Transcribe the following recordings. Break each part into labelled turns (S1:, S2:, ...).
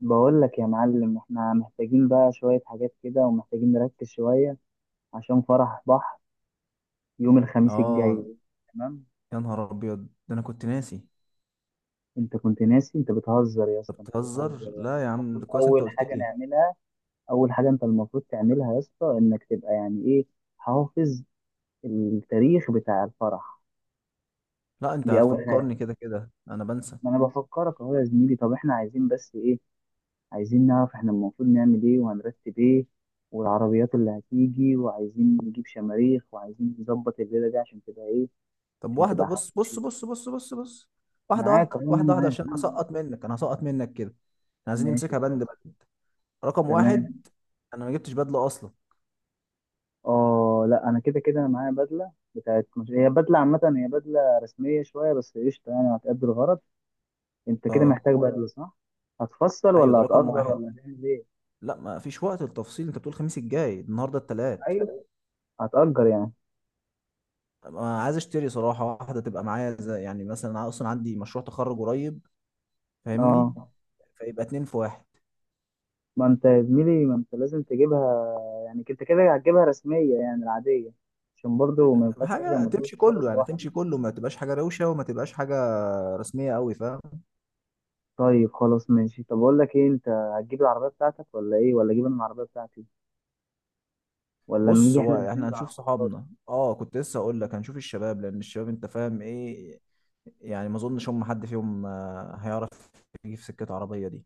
S1: بقول لك يا معلم، احنا محتاجين بقى شوية حاجات كده، ومحتاجين نركز شوية عشان فرح بحر يوم الخميس
S2: اه.
S1: الجاي. تمام،
S2: يا نهار ابيض ده، انا كنت ناسي.
S1: انت كنت ناسي؟ انت بتهزر يا
S2: انت
S1: اسطى، انت بتهزر،
S2: بتهزر؟
S1: يعني
S2: لا يا عم،
S1: المفروض
S2: ده كويس انت
S1: اول
S2: قلت
S1: حاجة
S2: لي.
S1: نعملها، اول حاجة انت المفروض تعملها يا اسطى انك تبقى يعني ايه، حافظ التاريخ بتاع الفرح.
S2: لا، انت
S1: دي اول حاجة.
S2: هتفكرني، كده كده انا بنسى.
S1: ما انا بفكرك اهو يا زميلي. طب احنا عايزين بس ايه؟ عايزين نعرف احنا المفروض نعمل ايه، وهنرتب ايه، والعربيات اللي هتيجي، وعايزين نجيب شماريخ، وعايزين نظبط الليلة دي عشان تبقى ايه،
S2: طب
S1: عشان
S2: واحده،
S1: تبقى
S2: بص بص
S1: حفلة.
S2: بص بص بص بص، واحده
S1: معاك
S2: واحده
S1: أهو، انا
S2: واحده واحده،
S1: معاك،
S2: عشان
S1: أنا معاك.
S2: هسقط منك، انا هسقط منك كده. احنا عايزين
S1: ماشي،
S2: نمسكها بند،
S1: اتفضل.
S2: بند رقم
S1: تمام.
S2: واحد. انا ما جبتش بدله اصلا.
S1: اه لا، انا كده كده انا معايا بدلة بتاعت، مش هي بدلة عامة، هي بدلة رسمية شوية بس قشطة، يعني هتأدي الغرض. انت كده
S2: اه،
S1: محتاج بدلة، صح؟ هتفصل
S2: ايوه
S1: ولا
S2: ده رقم
S1: هتأجر
S2: واحد.
S1: ولا هتعمل ايه؟
S2: لا، ما فيش وقت للتفصيل، انت بتقول الخميس الجاي، النهارده التلات.
S1: ايوه، هتأجر يعني.
S2: أنا عايز اشتري صراحه واحده تبقى معايا، زي يعني مثلا أنا اصلا عندي مشروع تخرج قريب، فاهمني؟
S1: اه،
S2: فيبقى اتنين في واحد.
S1: ما انت يا زميلي، ما انت لازم تجيبها، يعني انت كده هتجيبها رسمية يعني، العادية، عشان برضه ما ينفعش تاخدها
S2: حاجه
S1: مدرسة
S2: تمشي كله، يعني
S1: لوحدك.
S2: تمشي كله، ما تبقاش حاجه روشه وما تبقاش حاجه رسميه قوي، فاهم؟
S1: طيب خلاص ماشي. طب اقول لك ايه، انت هتجيب العربية بتاعتك ولا ايه، ولا اجيب انا العربية بتاعتي، ولا
S2: بص،
S1: نيجي احنا
S2: هو
S1: الاثنين
S2: احنا هنشوف
S1: بالعربيات؟
S2: صحابنا، اه كنت لسه اقول لك هنشوف الشباب، لان الشباب انت فاهم ايه يعني، ما اظنش هم حد فيهم هيعرف يجيب سكه عربيه دي.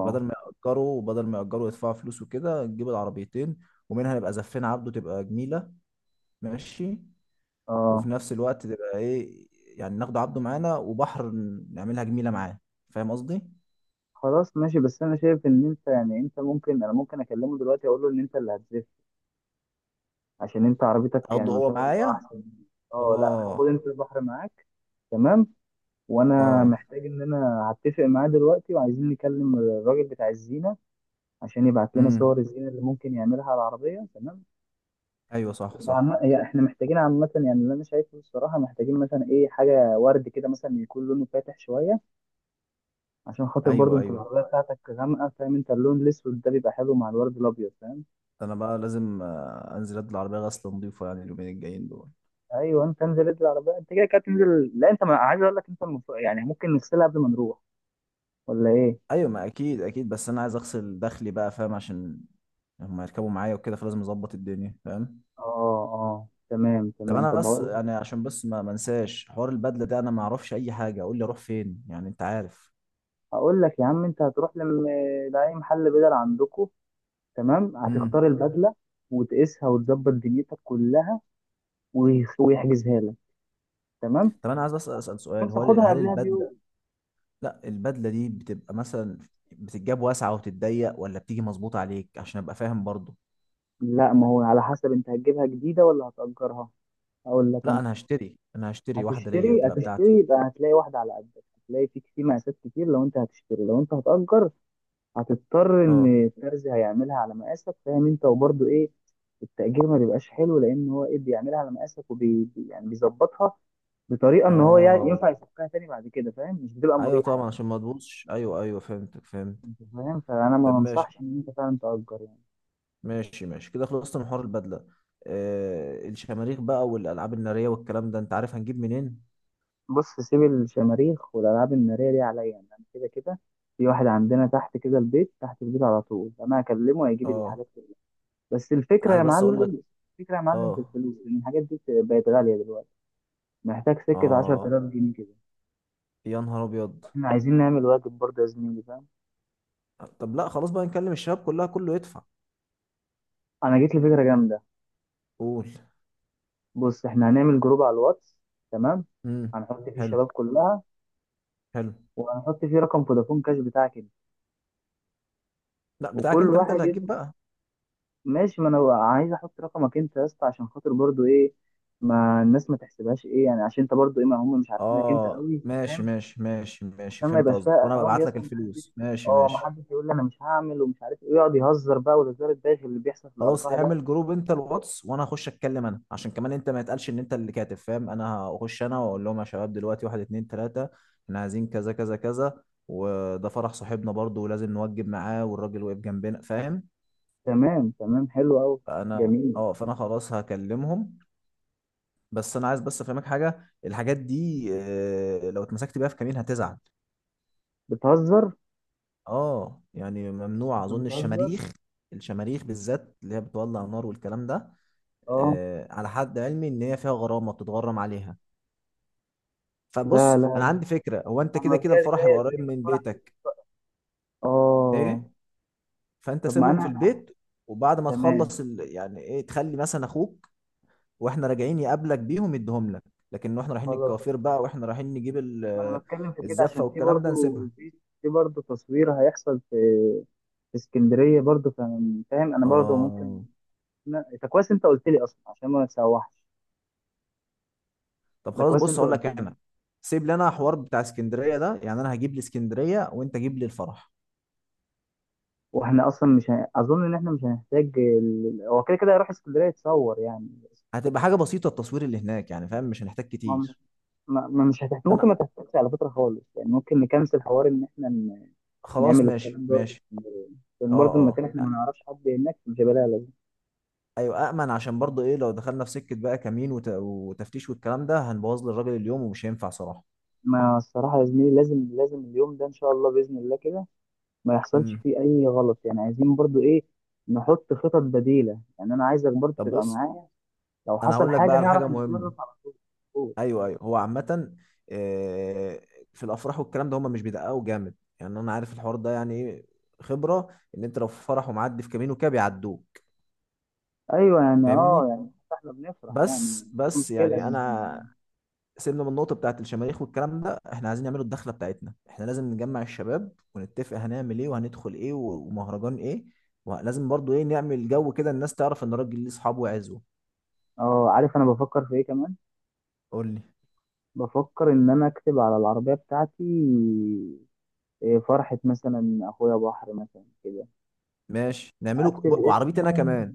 S2: فبدل ما ياجروا بدل ما ياجروا يدفعوا فلوس وكده، نجيب العربيتين، ومنها نبقى زفين عبده، تبقى جميله، ماشي. وفي
S1: اه
S2: نفس الوقت تبقى ايه، يعني ناخد عبده معانا وبحر، نعملها جميله معاه، فاهم قصدي؟
S1: خلاص ماشي. بس انا شايف ان انت يعني، انت ممكن، انا ممكن اكلمه دلوقتي اقول له ان انت اللي هتزف عشان انت عربيتك يعني
S2: اخده
S1: ما
S2: هو
S1: شاء الله
S2: معايا.
S1: احسن. اه لا، خد
S2: اه،
S1: انت البحر معاك. تمام. وانا
S2: اه.
S1: محتاج ان انا هتفق معاه دلوقتي، وعايزين نكلم الراجل بتاع الزينه عشان يبعت لنا
S2: امم،
S1: صور الزينه اللي ممكن يعملها على العربيه. تمام.
S2: ايوه صح صح.
S1: يعني احنا محتاجين عامه، يعني اللي انا شايفه الصراحه، محتاجين مثلا ايه، حاجه ورد كده مثلا يكون لونه فاتح شويه عشان خاطر برضو
S2: ايوه
S1: انت
S2: ايوه،
S1: العربيه بتاعتك غامقه، فاهم؟ انت اللون الاسود ده بيبقى حلو مع الورد الابيض، فاهم؟
S2: انا بقى لازم انزل ادي العربيه غسل نظيفه، يعني اليومين الجايين دول.
S1: ايوه انت انزل، انزل العربيه، انت كده كده تنزل. لا انت ما... عايز اقول لك انت يعني ممكن نغسلها قبل ما نروح، ولا ايه؟
S2: ايوه، ما اكيد اكيد، بس انا عايز اغسل دخلي بقى، فاهم؟ عشان هما يركبوا معايا وكده، فلازم اظبط الدنيا، فاهم؟
S1: اه اه تمام
S2: طب
S1: تمام.
S2: انا
S1: طب
S2: بس
S1: هقول
S2: يعني، عشان بس ما منساش حوار البدله ده، انا ما اعرفش اي حاجه، قول لي اروح فين، يعني انت عارف.
S1: هقول لك يا عم، انت هتروح لم... لاي محل بدل عندكم. تمام،
S2: امم.
S1: هتختار البدله وتقيسها وتظبط دنيتك كلها، ويحجزها لك. تمام،
S2: طب انا عايز بس اسال سؤال،
S1: تروح
S2: هو
S1: تاخدها
S2: هل
S1: قبلها
S2: البدله،
S1: بيوم.
S2: لا، البدله دي بتبقى مثلا بتتجاب واسعه وتتضيق، ولا بتيجي مظبوطه عليك، عشان ابقى فاهم برضو؟
S1: لا، ما هو على حسب، انت هتجيبها جديده ولا هتأجرها؟ هقول لك
S2: لا،
S1: انا.
S2: انا هشتري واحده ليا
S1: هتشتري
S2: تبقى بتاعتي.
S1: هتشتري يبقى هتلاقي واحده على قدك، هتلاقي في كتير، مقاسات كتير، لو انت هتشتري. لو انت هتأجر، هتضطر
S2: اه،
S1: ان الترزي هيعملها على مقاسك، فاهم انت؟ وبرضه ايه، التأجير ما بيبقاش حلو، لأن هو إيه، بيعملها على مقاسك يعني بيظبطها بطريقه ان هو
S2: اه،
S1: يعني ينفع يفكها تاني بعد كده، فاهم؟ مش بتبقى
S2: ايوه
S1: مريحه
S2: طبعا
S1: يعني.
S2: عشان ما تبوظش، ايوه ايوه فهمتك، فهمت.
S1: انت فاهم، فانا
S2: طب
S1: ما
S2: ماشي،
S1: بنصحش ان انت فعلا تأجر يعني.
S2: ماشي ماشي كده خلصت من حوار البدله. آه، الشماريخ بقى والالعاب الناريه والكلام ده، انت عارف هنجيب منين؟
S1: بص، سيب الشماريخ والالعاب الناريه دي عليا، يعني انا كده كده في واحد عندنا تحت كده، البيت تحت البيت على طول، انا هكلمه هيجيب لي
S2: اه،
S1: الحاجات كلها. بس
S2: انا
S1: الفكره
S2: عايز
S1: يا
S2: بس اقول لك.
S1: معلم، الفكره يا معلم في
S2: اه،
S1: الفلوس، لان الحاجات دي بقت غاليه دلوقتي، محتاج سكه
S2: اه،
S1: 10,000 جنيه كده.
S2: يا نهار ابيض.
S1: احنا عايزين نعمل واجب برضه يا زميلي، فاهم؟
S2: طب لا، خلاص بقى نكلم الشباب كلها، كله يدفع.
S1: انا جيت لي فكره جامده.
S2: قول.
S1: بص، احنا هنعمل جروب على الواتس، تمام،
S2: امم.
S1: هنحط فيه
S2: حلو،
S1: الشباب كلها،
S2: حلو.
S1: وهنحط فيه رقم فودافون كاش بتاعك انت،
S2: لا، بتاعك
S1: وكل
S2: انت، ما انت
S1: واحد
S2: اللي هتجيب
S1: يكتب.
S2: بقى.
S1: ماشي، ما انا عايز احط رقمك انت يا اسطى، عشان خاطر برضو ايه، ما الناس ما تحسبهاش ايه يعني، عشان انت برضو ايه، ما هم مش عارفينك انت
S2: اه،
S1: قوي،
S2: ماشي
S1: فاهم؟
S2: ماشي ماشي ماشي
S1: عشان ما
S2: فهمت
S1: يبقاش فيها
S2: قصدك، وانا
S1: احراج يا
S2: ببعت لك
S1: اسطى، محدش
S2: الفلوس. ماشي
S1: اه،
S2: ماشي.
S1: محدش يقول لي انا مش هعمل ومش عارف ايه، يقعد يهزر بقى، والهزار الداخل اللي بيحصل في
S2: خلاص،
S1: الافراح ده.
S2: اعمل جروب انت الواتس، وانا هخش اتكلم انا عشان كمان انت ما يتقالش ان انت اللي كاتب، فاهم؟ انا هخش انا واقول لهم يا شباب، دلوقتي واحد اتنين تلاتة، احنا عايزين كذا كذا كذا، وده فرح صاحبنا برضه ولازم نوجب معاه، والراجل واقف جنبنا، فاهم؟
S1: تمام تمام، حلو قوي.
S2: فانا
S1: جميل.
S2: اه فانا خلاص هكلمهم. بس انا عايز بس افهمك حاجه، الحاجات دي لو اتمسكت بيها في كمين هتزعل.
S1: بتهزر،
S2: اه، يعني ممنوع
S1: انت
S2: اظن
S1: بتهزر.
S2: الشماريخ، الشماريخ بالذات اللي هي بتولع نار والكلام ده.
S1: اه
S2: آه، على حد علمي ان هي فيها غرامه بتتغرم عليها.
S1: لا
S2: فبص، انا
S1: لا،
S2: عندي فكره، هو انت كده كده
S1: هنوديها
S2: الفرح
S1: ازاي
S2: يبقى
S1: يا
S2: قريب
S1: زميلي، ما
S2: من
S1: الفرح
S2: بيتك،
S1: اه.
S2: ايه، فانت
S1: طب ما
S2: سيبهم في
S1: انا،
S2: البيت. وبعد ما تخلص
S1: تمام
S2: يعني ايه، تخلي مثلا اخوك واحنا راجعين يقابلك بيهم يديهم لك. لكن واحنا رايحين
S1: خلاص،
S2: الكوافير بقى، واحنا رايحين نجيب
S1: ما انا بتكلم في كده
S2: الزفه
S1: عشان في
S2: والكلام ده
S1: برضو،
S2: نسيبها.
S1: في في برضو تصوير هيحصل في، في اسكندريه برضو، فاهم؟ فاهم انا برضو ممكن.
S2: اه.
S1: ده كويس انت قلت لي اصلا عشان ما تسوحش.
S2: طب
S1: ده
S2: خلاص،
S1: كويس
S2: بص
S1: انت
S2: اقول
S1: قلت
S2: لك
S1: لي.
S2: انا، سيب لنا حوار بتاع اسكندريه ده، يعني انا هجيب لي اسكندريه وانت جيب لي الفرح.
S1: واحنا اصلا مش هن... اظن ان احنا مش هنحتاج هو كده كده هيروح اسكندريه يتصور يعني.
S2: هتبقى حاجه بسيطه التصوير اللي هناك يعني، فاهم؟ مش هنحتاج
S1: ما مش،
S2: كتير.
S1: مش ممكن
S2: انا
S1: ما تحتاجش على فكره خالص يعني، ممكن نكنسل حوار ان احنا
S2: خلاص
S1: نعمل
S2: ماشي
S1: الكلام ده في
S2: ماشي.
S1: اسكندريه، لان
S2: اه،
S1: برضه المكان احنا
S2: اه،
S1: ما نعرفش حد هناك، مش هيبقى لها لازمه.
S2: ايوه، امن، عشان برضه ايه، لو دخلنا في سكه بقى كمين وتفتيش والكلام ده، هنبوظ للراجل اليوم ومش هينفع صراحه.
S1: ما الصراحه يا زميلي، لازم لازم اليوم ده ان شاء الله باذن الله كده ما يحصلش
S2: امم.
S1: فيه اي غلط، يعني عايزين برضو ايه، نحط خطط بديلة، يعني انا عايزك برضو
S2: طب
S1: تبقى
S2: بص،
S1: معايا لو
S2: انا
S1: حصل
S2: هقول لك
S1: حاجة
S2: بقى على حاجه
S1: نعرف
S2: مهمه.
S1: نتصرف على طول.
S2: ايوه ايوه، هو عامة آه، في الافراح والكلام ده هم مش بيدققوا جامد، يعني انا عارف الحوار ده يعني ايه، خبرة. ان انت لو في فرح ومعدي في كمين وكده، بيعدوك.
S1: ايوه يعني، اه
S2: فاهمني؟
S1: يعني، احنا بنفرح يعني،
S2: بس
S1: مش
S2: بس
S1: مشكلة
S2: يعني
S1: يعني.
S2: انا، سيبنا من النقطة بتاعت الشماريخ والكلام ده، احنا عايزين نعمله الدخلة بتاعتنا، احنا لازم نجمع الشباب ونتفق هنعمل ايه وهندخل ايه ومهرجان ايه. ولازم برضو ايه، نعمل جو كده الناس تعرف ان الراجل ليه اصحاب وعزوة.
S1: اه، عارف انا بفكر في ايه كمان؟
S2: قول لي.
S1: بفكر ان انا اكتب على العربية بتاعتي إيه، فرحة مثلا اخويا بحر مثلا كده،
S2: ماشي نعمله
S1: اكتب
S2: وعربيتي انا
S1: اسمه.
S2: كمان.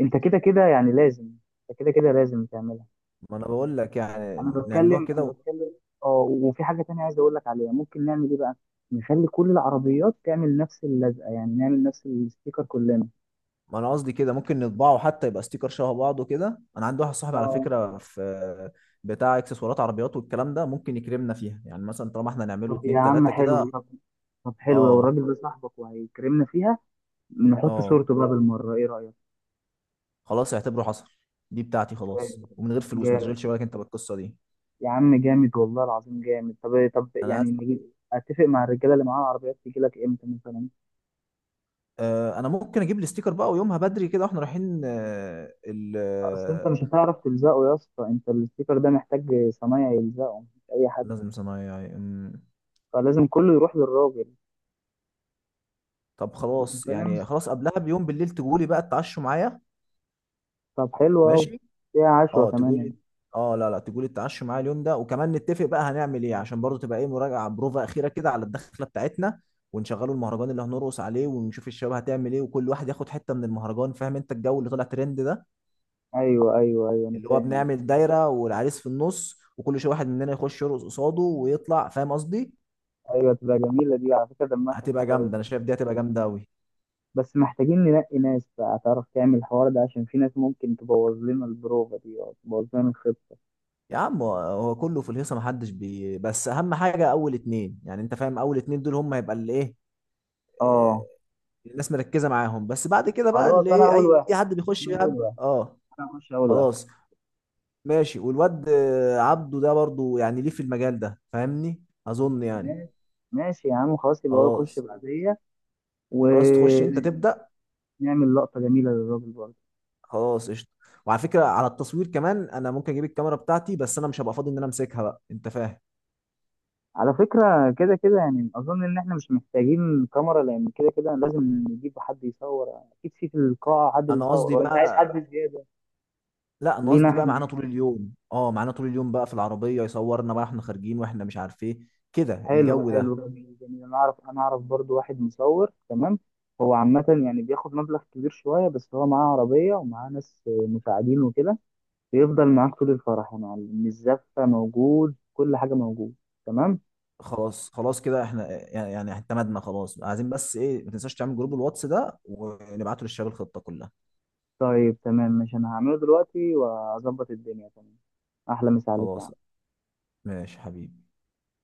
S1: انت كده كده يعني لازم، انت كده كده لازم تعملها.
S2: ما انا بقول لك
S1: انا
S2: يعني نعملوها
S1: بتكلم انا
S2: كده.
S1: بتكلم اه، وفي حاجه تانية عايز اقول لك عليها، ممكن نعمل ايه بقى، نخلي كل العربيات تعمل نفس اللزقه، يعني نعمل نفس الستيكر كلنا.
S2: ما انا قصدي كده، ممكن نطبعه حتى يبقى ستيكر شبه بعضه كده، انا عندي واحد صاحبي على
S1: اه.
S2: فكره في بتاع اكسسوارات عربيات والكلام ده، ممكن يكرمنا فيها، يعني مثلا طالما احنا نعمله
S1: طب يا
S2: اتنين
S1: عم
S2: تلاته كده.
S1: حلو. طب طب حلو، لو
S2: اه،
S1: الراجل ده صاحبك وهيكرمنا فيها، نحط
S2: اه.
S1: صورته بقى بالمره، ايه رايك؟
S2: خلاص اعتبره حصل. دي بتاعتي خلاص،
S1: جامد
S2: ومن غير فلوس، ما
S1: جامد،
S2: تشغلش بالك انت بالقصه دي.
S1: يا عم جامد، والله العظيم جامد. طب طب
S2: انا
S1: يعني
S2: عايز-
S1: نجيب، اتفق مع الرجاله اللي معاها العربيات تيجي لك امتى مثلا.
S2: آه، انا ممكن اجيب الاستيكر بقى، ويومها بدري كده واحنا رايحين آه ال
S1: اصل انت
S2: آه،
S1: مش هتعرف تلزقه يا اسطى، انت الستيكر ده محتاج صنايعي يلزقه، مش اي حد،
S2: لازم صنايعي. أمم.
S1: فلازم كله يروح للراجل.
S2: طب
S1: انت
S2: خلاص،
S1: فاهم؟
S2: يعني خلاص قبلها بيوم بالليل تقولي بقى اتعشوا معايا.
S1: طب حلو أوي.
S2: ماشي.
S1: فيها عشوة
S2: اه
S1: كمان هنا.
S2: تقولي. اه، لا لا، تقولي اتعشوا معايا اليوم ده، وكمان نتفق بقى هنعمل ايه، عشان برضه تبقى ايه، مراجعه بروفا اخيره كده على الدخله بتاعتنا، ونشغلوا المهرجان اللي هنرقص عليه، ونشوف الشباب هتعمل ايه، وكل واحد ياخد حته من المهرجان، فاهم انت الجو اللي طلع ترند ده،
S1: أيوه أيوه أيوه، أنا
S2: اللي هو
S1: فاهم.
S2: بنعمل دايره والعريس في النص، وكل شويه واحد مننا يخش يرقص قصاده ويطلع، فاهم قصدي؟
S1: أيوه تبقى جميلة، دي على فكرة دمها
S2: هتبقى
S1: خفيف أوي.
S2: جامده، انا شايف دي هتبقى جامده قوي.
S1: بس محتاجين ننقي ناس بقى تعرف تعمل الحوار ده، عشان في ناس ممكن تبوظ لنا البروفة دي أو تبوظ لنا الخطة.
S2: يا عم، هو كله في الهيصه، محدش بس اهم حاجه اول اتنين يعني، انت فاهم؟ اول اتنين دول هم هيبقى اللي ايه،
S1: أه.
S2: آه، الناس مركزه معاهم، بس بعد كده بقى
S1: خلاص،
S2: اللي
S1: أنا
S2: ايه،
S1: أول
S2: اي
S1: واحد
S2: حد بيخش
S1: أنا أول
S2: يهب.
S1: واحد
S2: اه.
S1: أنا هخش أول واحد.
S2: خلاص ماشي، والواد عبده ده برضو يعني ليه في المجال ده، فاهمني؟ اظن يعني.
S1: ماشي ماشي يا عم، خلاص يبقى هو يخش
S2: خلاص
S1: بعدية،
S2: خلاص، تخش انت
S1: ونعمل
S2: تبدا.
S1: لقطة جميلة للراجل برضه.
S2: خلاص قشطه. وعلى فكره، على التصوير كمان، انا ممكن اجيب الكاميرا بتاعتي، بس انا مش هبقى فاضي ان انا امسكها بقى، انت فاهم؟
S1: على فكرة كده كده يعني، أظن إن إحنا مش محتاجين كاميرا، لأن كده كده لازم نجيب حد يصور، أكيد في، في القاعة حد
S2: انا
S1: بيصور،
S2: قصدي
S1: ولا أنت عايز
S2: بقى،
S1: حد زيادة
S2: لا، انا
S1: لينا
S2: قصدي بقى
S1: إحنا
S2: معانا طول
S1: يعني؟
S2: اليوم، اه معانا طول اليوم بقى، في العربيه يصورنا بقى احنا خارجين واحنا مش عارف ايه، كده
S1: حلو
S2: الجو
S1: حلو،
S2: ده.
S1: جميل جميل، أنا أعرف برضو واحد مصور، تمام. هو عامة يعني بياخد مبلغ كبير شوية، بس هو معاه عربية، ومعاه ناس مساعدين وكده، بيفضل معاك طول الفرح يا معلم، الزفة موجود، كل حاجة موجود، تمام.
S2: خلاص خلاص كده، احنا يعني اعتمدنا خلاص، عايزين بس ايه، ما تنساش تعمل جروب الواتس ده ونبعته للشباب الخطة كلها.
S1: طيب تمام، مش أنا هعمله دلوقتي وأظبط الدنيا، تمام. أحلى مسا عليك يا
S2: خلاص
S1: عم.
S2: ماشي حبيبي.